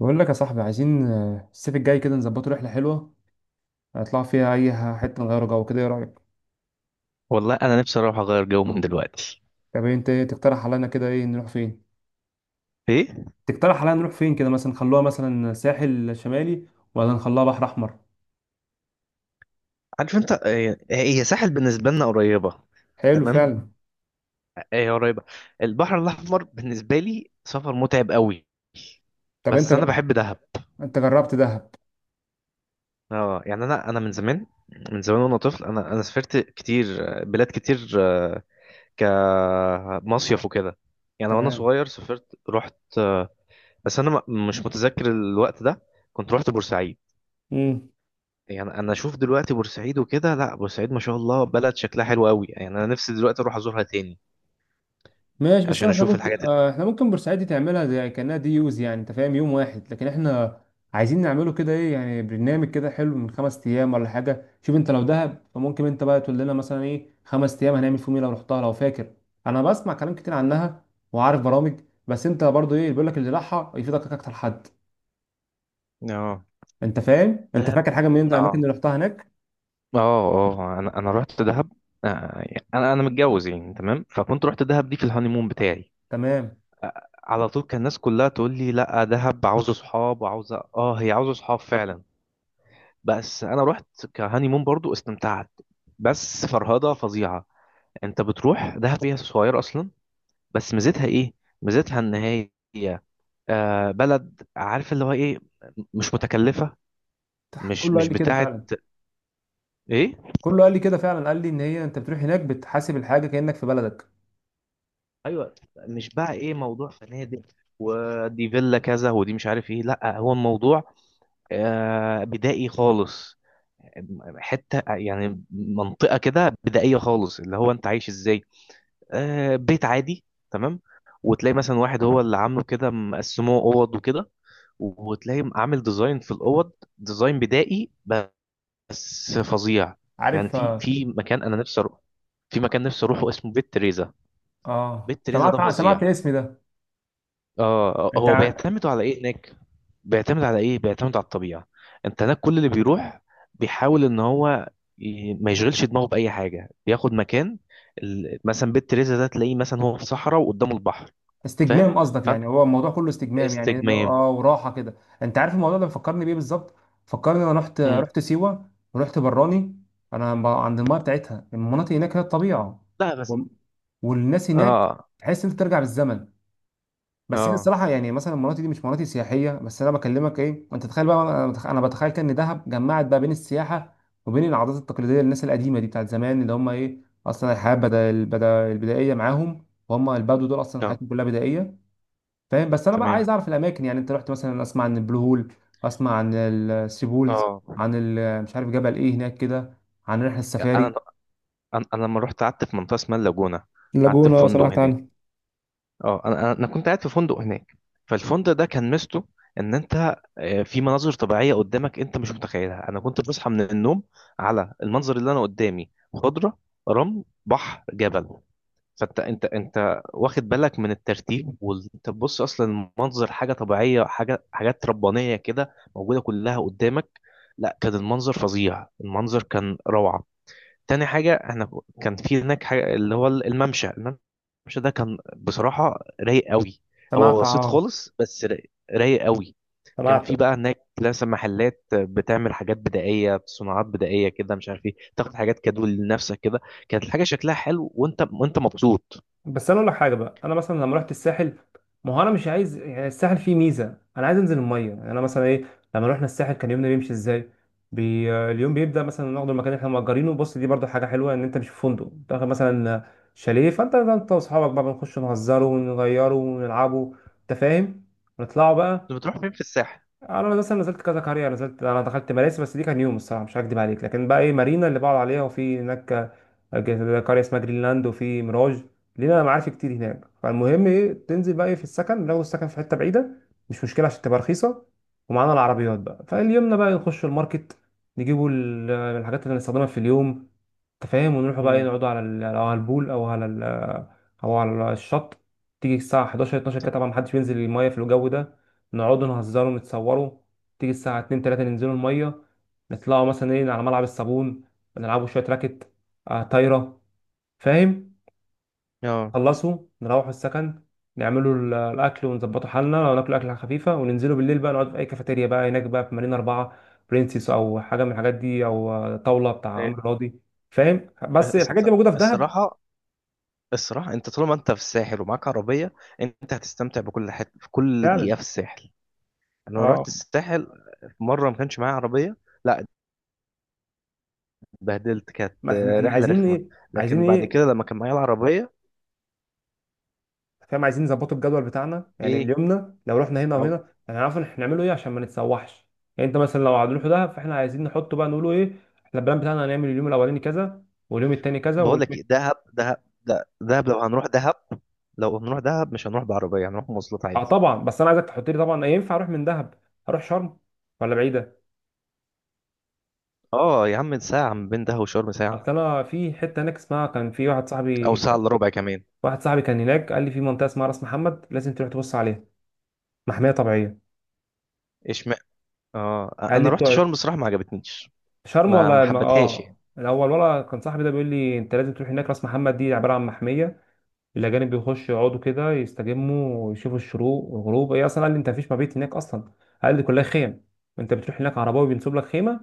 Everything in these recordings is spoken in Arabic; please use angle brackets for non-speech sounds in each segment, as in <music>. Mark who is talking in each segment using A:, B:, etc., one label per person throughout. A: بقول لك يا صاحبي عايزين الصيف الجاي كده نظبطه رحلة حلوة هنطلع فيها حتة نغير جو كده إيه رأيك؟
B: والله انا نفسي اروح اغير جو من دلوقتي.
A: طب أنت إيه تقترح علينا كده إيه نروح فين؟
B: ايه.
A: تقترح علينا نروح فين كده مثلا نخلوها مثلا ساحل شمالي ولا نخلوها بحر أحمر؟
B: عارف انت، هي ساحل بالنسبه لنا قريبه.
A: حلو
B: تمام.
A: فعلا.
B: هي قريبه. البحر الاحمر بالنسبه لي سفر متعب قوي.
A: طب أنت
B: بس انا
A: ج-
B: بحب دهب.
A: أنت جربت دهب؟
B: اه. يعني انا من زمان. من زمان وانا طفل انا سافرت كتير. بلاد كتير كمصيف وكده. يعني وانا
A: تمام.
B: صغير سافرت رحت بس انا مش متذكر الوقت ده. كنت رحت بورسعيد.
A: مم.
B: يعني انا اشوف دلوقتي بورسعيد وكده، لا بورسعيد ما شاء الله بلد شكلها حلو قوي. يعني انا نفسي دلوقتي اروح ازورها تاني.
A: ماشي، بس
B: عشان
A: احنا
B: اشوف
A: ممكن،
B: الحاجات اللي.
A: احنا ممكن بورسعيد دي تعملها زي كانها دي يوز، يعني انت فاهم، يوم واحد، لكن احنا عايزين نعمله كده ايه، يعني برنامج كده حلو من خمس ايام ولا حاجه. شوف انت لو دهب فممكن انت بقى تقول لنا مثلا ايه خمس ايام هنعمل فيهم ايه لو رحتها، لو فاكر. انا بسمع كلام كتير عنها وعارف برامج، بس انت برضو ايه، بيقول لك اللي راحها يفيدك اكتر حد.
B: اه.
A: انت فاهم، انت
B: دهب.
A: فاكر حاجه من
B: اه
A: الاماكن اللي رحتها هناك؟
B: اه اه آه. انا رحت دهب. آه، انا متجوز يعني، تمام، فكنت رحت دهب دي في الهانيمون بتاعي.
A: تمام.
B: على طول كان الناس كلها تقول لي، لا دهب عاوزه صحاب وعاوزه هي عاوزه صحاب فعلا. بس انا رحت كهانيمون برضو استمتعت. بس فرهضه فظيعه. انت بتروح دهب هي صغيره اصلا. بس ميزتها ايه؟ ميزتها ان هي بلد، عارف اللي هو ايه، مش متكلفة. مش
A: كله قال
B: مش
A: لي كده
B: بتاعت
A: فعلا،
B: ايه.
A: كله قال لي كده فعلا. قال لي ان هي انت بتروح هناك بتحاسب الحاجه كانك في بلدك.
B: ايوه، مش بقى ايه موضوع فنادق، ودي فيلا كذا ودي مش عارف ايه. لا هو الموضوع بدائي خالص. حتة يعني منطقة كده بدائية خالص، اللي هو انت عايش ازاي. بيت عادي. تمام. وتلاقي مثلا واحد هو اللي عامله كده، مقسموه اوض وكده. وتلاقي عامل ديزاين في الاوض، ديزاين بدائي بس فظيع. يعني
A: عارف
B: في في مكان انا نفسي اروح، في مكان نفسي اروحه اسمه بيت تريزا.
A: اه
B: بيت تريزا ده
A: سمعت، سمعت
B: فظيع.
A: الاسم ده. انت
B: هو
A: ع-
B: بيعتمدوا على ايه هناك؟ بيعتمد على ايه؟ بيعتمد على الطبيعه. انت هناك كل اللي بيروح بيحاول ان هو ما يشغلش دماغه باي حاجه، بياخد مكان. مثلا بيت تريزا ده تلاقيه مثلا هو في صحراء وقدامه البحر. فاهم.
A: استجمام قصدك،
B: فانت
A: يعني هو الموضوع كله استجمام يعني ده،
B: استجمام.
A: اه وراحه كده. انت عارف الموضوع ده مفكرني بيه بالظبط، فكرني انا رحت،
B: مم.
A: رحت سيوه ورحت براني. عند الميه بتاعتها المناطق هناك، هي الطبيعه
B: لا بس.
A: وال- والناس هناك،
B: اه
A: تحس انت ترجع بالزمن. بس هي
B: اه
A: الصراحه يعني مثلا مناطق دي مش مناطق سياحيه، بس انا بكلمك ايه، انت تخيل بقى، أنا بتخيل كان دهب جمعت بقى بين السياحه وبين العادات التقليديه للناس القديمه دي بتاعت زمان اللي هم ايه، اصلا الحياه بدا البدا البدائيه معاهم، وهم البدو دول اصلا
B: اه.
A: حياتهم كلها بدائيه، فاهم. بس انا بقى
B: تمام.
A: عايز اعرف الاماكن، يعني انت رحت مثلا، اسمع عن البلو هول، اسمع عن الثري بولز،
B: اه.
A: مش عارف جبل ايه هناك كده، عن رحله السفاري.
B: انا انا لما رحت قعدت في منطقه اسمها اللاجونه. قعدت في
A: اللاجونه
B: فندق
A: سمعت
B: هناك.
A: عنها.
B: اه، انا كنت قاعد في فندق هناك. فالفندق ده كان ميزته ان انت في مناظر طبيعيه قدامك انت مش متخيلها. انا كنت بصحى من النوم على المنظر اللي انا قدامي، خضره، رمل، بحر، جبل. فانت، انت واخد بالك من الترتيب، وانت بتبص اصلا المنظر حاجه طبيعيه، حاجه، حاجات ربانيه كده موجوده كلها قدامك. لا كان المنظر فظيع، المنظر كان روعه. تاني حاجة احنا كان في هناك حاجة اللي هو الممشى ده كان بصراحة رايق قوي.
A: سمعت،
B: هو بسيط
A: اه.
B: خالص بس رايق رايق قوي. كان في
A: سمعت.
B: بقى هناك لسه محلات بتعمل حاجات بدائية، صناعات بدائية كده، مش عارف ايه، تاخد حاجات كادو لنفسك كده. كانت الحاجة شكلها حلو وانت مبسوط.
A: بس انا اقول لك حاجه بقى، انا مثلا لما رحت الساحل، ما هو انا مش عايز، يعني الساحل فيه ميزه، انا عايز انزل الميه، يعني انا مثلا ايه. لما رحنا الساحل كان يومنا بيمشي ازاي؟ اليوم بيبدا مثلا ناخد المكان اللي احنا مأجرينه، بص دي برضو حاجه حلوه ان انت مش في فندق، تاخد مثلا شاليه، فانت واصحابك بقى بنخش نهزره ونغيره ونلعبه، انت فاهم. نطلعوا بقى.
B: انت بتروح فين في الساحل؟
A: انا مثلا نزلت كذا قريه، نزلت انا دخلت مراسي، بس دي كان يوم، الصراحه مش هكدب عليك، لكن بقى ايه مارينا اللي بقعد عليها، وفي هناك قريه اسمها جرينلاند، وفي ميراج، لينا معارف كتير هناك. فالمهم ايه، تنزل بقى ايه في السكن، لو السكن في حته بعيده مش مشكله عشان تبقى رخيصه، ومعانا العربيات بقى. فاليومنا بقى نخش الماركت، نجيبوا الحاجات اللي هنستخدمها في اليوم، انت فاهم. ونروحوا بقى ايه،
B: امم
A: نقعدوا على أو على البول او على او على الشط. تيجي الساعه 11 12 كده، طبعا محدش بينزل المايه في الجو ده، نقعدوا نهزروا نتصوروا. تيجي الساعة 2 3 ننزلوا المية، نطلعوا مثلا ايه على ملعب الصابون، نلعبوا شوية راكت، آه طايرة، فاهم.
B: اه.
A: خلصوا نروحوا السكن، نعملوا الأكل ونظبطوا حالنا، لو ناكلوا أكلة خفيفة وننزلوا بالليل بقى نقعد في أي كافيتيريا بقى هناك بقى، في مارينا أربعة، برنسيس، أو حاجة من الحاجات دي، أو طاولة بتاع
B: إيه،
A: عمرو راضي، فاهم. بس الحاجات دي
B: الص-
A: موجودة في دهب
B: الصراحة الصراحة انت طالما انت في الساحل ومعاك عربية، انت هتستمتع بكل حته في كل دقيقة
A: فعلا.
B: في الساحل. انا
A: اه،
B: رحت الساحل مره ما كانش معايا عربيه. لا. اتبهدلت، كانت
A: ما احنا
B: رحله
A: عايزين
B: رخمه.
A: ايه، عايزين
B: لكن بعد
A: ايه،
B: كده لما كان معايا العربيه.
A: فاهم. عايزين نظبطه الجدول بتاعنا، يعني
B: ايه.
A: اليومنا لو رحنا هنا وهنا
B: عاو-
A: يعني هنعرف إن احنا هنعمله ايه عشان ما نتسوحش. يعني انت مثلا لو هنروح دهب، فاحنا عايزين نحطه بقى نقوله ايه، احنا البلان بتاعنا هنعمل اليوم الاولاني كذا، واليوم التاني كذا،
B: بقول
A: واليوم.
B: لك ايه، دهب، دهب، لو هنروح دهب، لو هنروح دهب مش هنروح بعربيه، هنروح مواصلات
A: اه
B: عادي.
A: طبعا، بس انا عايزك تحط لي، طبعا ينفع اروح من دهب اروح شرم ولا بعيده؟
B: اه يا عم، ساعه من بين دهب وشرم، ساعه
A: اصل انا في حته هناك اسمها، كان في واحد
B: او
A: صاحبي،
B: ساعه الا ربع كمان.
A: واحد صاحبي كان هناك قال لي في منطقه اسمها راس محمد، لازم تروح تبص عليها، محميه طبيعيه.
B: ايش ما... اه
A: قال لي
B: انا رحت
A: بتوع
B: شرم الصراحه ما عجبتنيش.
A: شرم
B: ما
A: ولا
B: ما
A: الم...
B: حبتهاش
A: اه
B: يعني.
A: الاول، ولا كان صاحبي ده بيقول لي انت لازم تروح هناك، راس محمد دي عباره عن محميه، الأجانب بيخشوا يقعدوا كده يستجموا ويشوفوا الشروق والغروب. هي أصلا قال لي أنت مفيش مبيت هناك أصلا، قال لي كلها خيم، أنت بتروح هناك عرباوي بينصب لك خيمة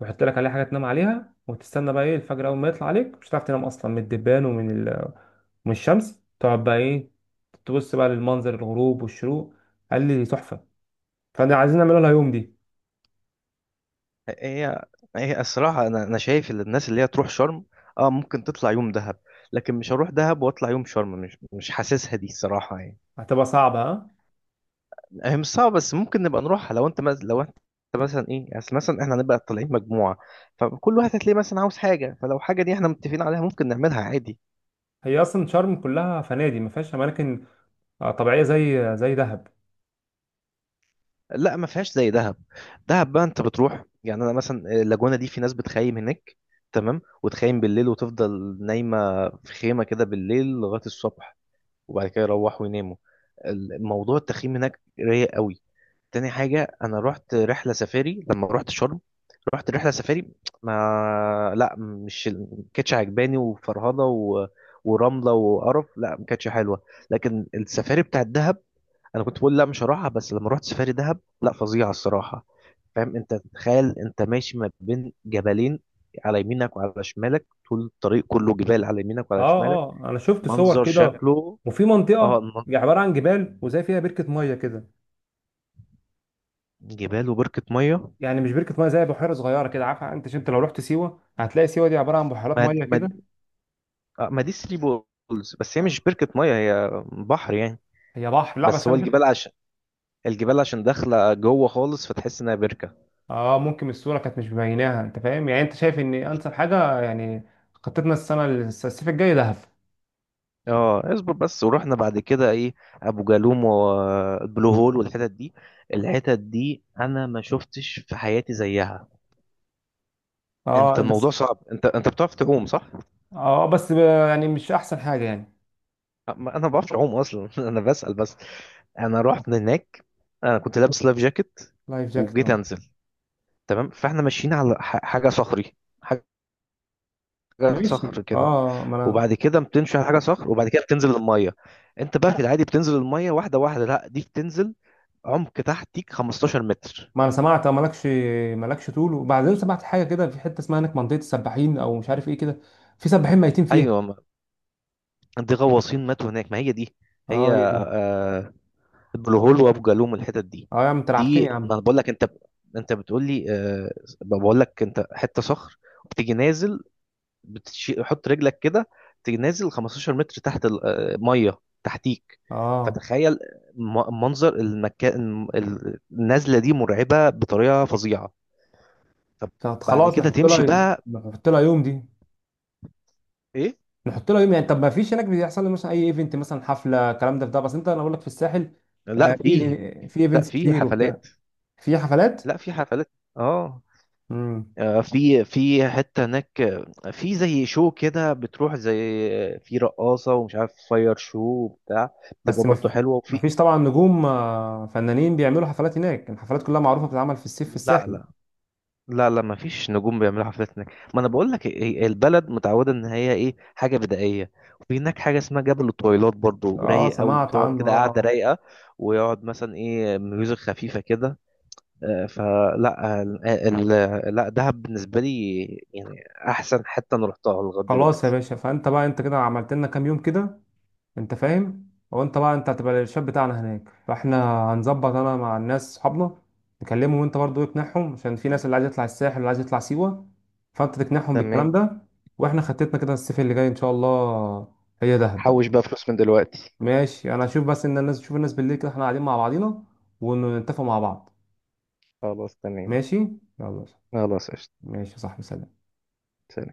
A: ويحط لك عليها حاجة تنام عليها، وتستنى بقى إيه الفجر، أول ما يطلع عليك مش هتعرف تنام أصلا من الدبان ومن ومن الشمس، تقعد بقى إيه تبص بقى للمنظر، الغروب والشروق، قال لي تحفة. فأنا عايزين نعملها لها يوم دي.
B: هي هي الصراحه، انا شايف ان الناس اللي هي تروح شرم اه ممكن تطلع يوم دهب، لكن مش هروح دهب واطلع يوم شرم. مش حاسسها دي الصراحه يعني.
A: هتبقى صعبة ها.
B: هي مش صعبة بس ممكن نبقى نروحها لو انت لو انت مثلا ايه يعني. اصل مثلا احنا هنبقى طالعين مجموعة، فكل واحد هتلاقيه مثلا عاوز حاجة. فلو حاجة دي احنا متفقين عليها ممكن نعملها عادي.
A: هي أصلا شرم كلها فنادق ما فيهاش أماكن طبيعية زي دهب.
B: لا ما فيهاش زي دهب. دهب بقى انت بتروح يعني انا مثلا اللاجونة دي في ناس بتخيم هناك، تمام، وتخيم بالليل وتفضل نايمة في خيمة كده بالليل لغاية الصبح، وبعد كده يروحوا يناموا. الموضوع التخييم هناك رايق قوي. تاني حاجة أنا رحت رحلة سفاري لما رحت شرم. رحت رحلة سفاري. ما لا مش ما كانتش عجباني وفرهضة ورملة وقرف. لا ما كانتش حلوة. لكن السفاري بتاعت دهب، أنا كنت بقول لا مش هروحها، بس لما رحت سفاري دهب لا فظيعة الصراحة. فاهم؟ أنت تخيل أنت ماشي ما بين جبلين، على يمينك وعلى شمالك طول الطريق كله جبال، على يمينك وعلى
A: اه
B: شمالك.
A: اه انا شفت صور
B: منظر
A: كده،
B: شكله.
A: وفي
B: اه.
A: منطقه عباره عن جبال وزي فيها بركه ميه كده،
B: جبال وبركة مية.
A: يعني مش بركه ميه، زي بحيره صغيره كده، عارفه انت، لو رحت سيوه هتلاقي سيوه دي عباره عن بحيرات
B: ما
A: ميه
B: ما
A: كده.
B: ما دي ثري بولز، بس هي
A: آه،
B: مش بركة مية هي بحر يعني.
A: هي بحر، لا
B: بس
A: بس
B: هو
A: انا شفت.
B: الجبال عشان الجبال عشان داخلة جوه خالص فتحس انها بركة.
A: اه ممكن الصوره كانت مش مبيناها، انت فاهم. يعني انت شايف ان انسب حاجه يعني خطتنا السنه الصيف الجاي دهب؟
B: اه اصبر بس، ورحنا بعد كده ايه، ابو جالوم والبلو هول والحتت دي. الحتت دي انا ما شفتش في حياتي زيها. انت
A: اه
B: الموضوع
A: بس.
B: صعب، انت بتعرف تعوم صح؟
A: اه بس ب- يعني مش احسن حاجه يعني.
B: أه، ما- انا ما بعرفش اعوم اصلا <laughs> انا بسأل بس. انا رحت هناك، انا كنت لابس لايف جاكيت،
A: لايف جاكت،
B: وجيت
A: اه.
B: انزل. تمام، فاحنا ماشيين على حاجة صخري، حاجة
A: ماشي
B: صخر كده،
A: اه،
B: وبعد كده بتمشي على حاجه صخر، وبعد كده بتنزل الميه. انت بقى في العادي بتنزل الميه واحده واحده، لا دي بتنزل عمق تحتيك 15 متر.
A: ما انا سمعت، اه مالكش، مالكش طول. وبعدين سمعت حاجه كده في حته اسمها هناك، منطقه السباحين او مش عارف ايه كده، في سباحين ميتين فيها.
B: ايوه، دي غواصين ماتوا هناك، ما هي دي. هي
A: اه هي دي.
B: البلو هول وابو جالوم الحتت دي.
A: اه يا عم انت لعبتني يا
B: دي ما
A: عم.
B: انا بقول لك، انت انت بتقول لي بقول لك انت، حته صخر، وبتيجي نازل، بتشيل حط رجلك كده، تيجي نازل 15 متر تحت الميه تحتيك.
A: اه
B: فتخيل، منظر المكان، النزله دي مرعبه بطريقه فظيعه.
A: طب
B: فبعد
A: خلاص
B: كده
A: نحط
B: تمشي
A: لها،
B: بقى.
A: نحط لها يوم دي،
B: ايه.
A: نحط لها يوم، يعني طب ما فيش هناك بيحصل لي مثلا اي ايفنت، مثلا حفله، الكلام ده، في ده بس، انت انا اقول لك في الساحل
B: لا فيه.
A: في في
B: لا
A: ايفنتس
B: فيه
A: كتير وبتاع.
B: حفلات.
A: في حفلات.
B: لا في حفلات اه.
A: امم.
B: في حته هناك آه،، في زي شو كده بتروح زي آه،، في رقاصه ومش عارف فاير شو وبتاع، بتبقى
A: بس ما
B: برضو
A: في،
B: حلوه
A: ما
B: وفي.
A: فيش طبعا نجوم فنانين بيعملوا حفلات هناك، الحفلات كلها معروفه بتتعمل في الصيف في
B: لا
A: الساحل.
B: لا. لا لا ما فيش نجوم بيعملوا حفلات هناك. ما انا بقول لك، إيه، البلد متعوده ان هي ايه، حاجه بدائيه. وفي هناك حاجه اسمها جبل الطويلات برضو
A: اه
B: رايق قوي،
A: سمعت
B: بتقعد
A: عنه،
B: كده قاعده
A: اه.
B: رايقه، ويقعد مثلا ايه ميوزك خفيفه كده. فلا، لا دهب بالنسبه لي يعني احسن حته انا رحتها لغايه
A: خلاص يا
B: دلوقتي.
A: باشا، فانت بقى انت كده عملت لنا كام يوم كده، انت فاهم، وانت بقى انت هتبقى الشاب بتاعنا هناك. فاحنا هنظبط انا مع الناس صحابنا نكلمهم، وانت برضو اقنعهم، عشان في ناس اللي عايز يطلع الساحل واللي عايز يطلع سيوة، فانت تقنعهم
B: تمام.
A: بالكلام ده. واحنا خطتنا كده الصيف اللي جاي ان شاء الله هي دهب بقى.
B: حوش بقى فلوس من دلوقتي.
A: ماشي، انا هشوف، بس ان الناس تشوف، الناس بالليل كده احنا قاعدين مع بعضينا ونتفق مع بعض.
B: خلاص تمام.
A: ماشي، يلا.
B: خلاص قشطة.
A: ماشي يا صاحبي، سلام.
B: سلام.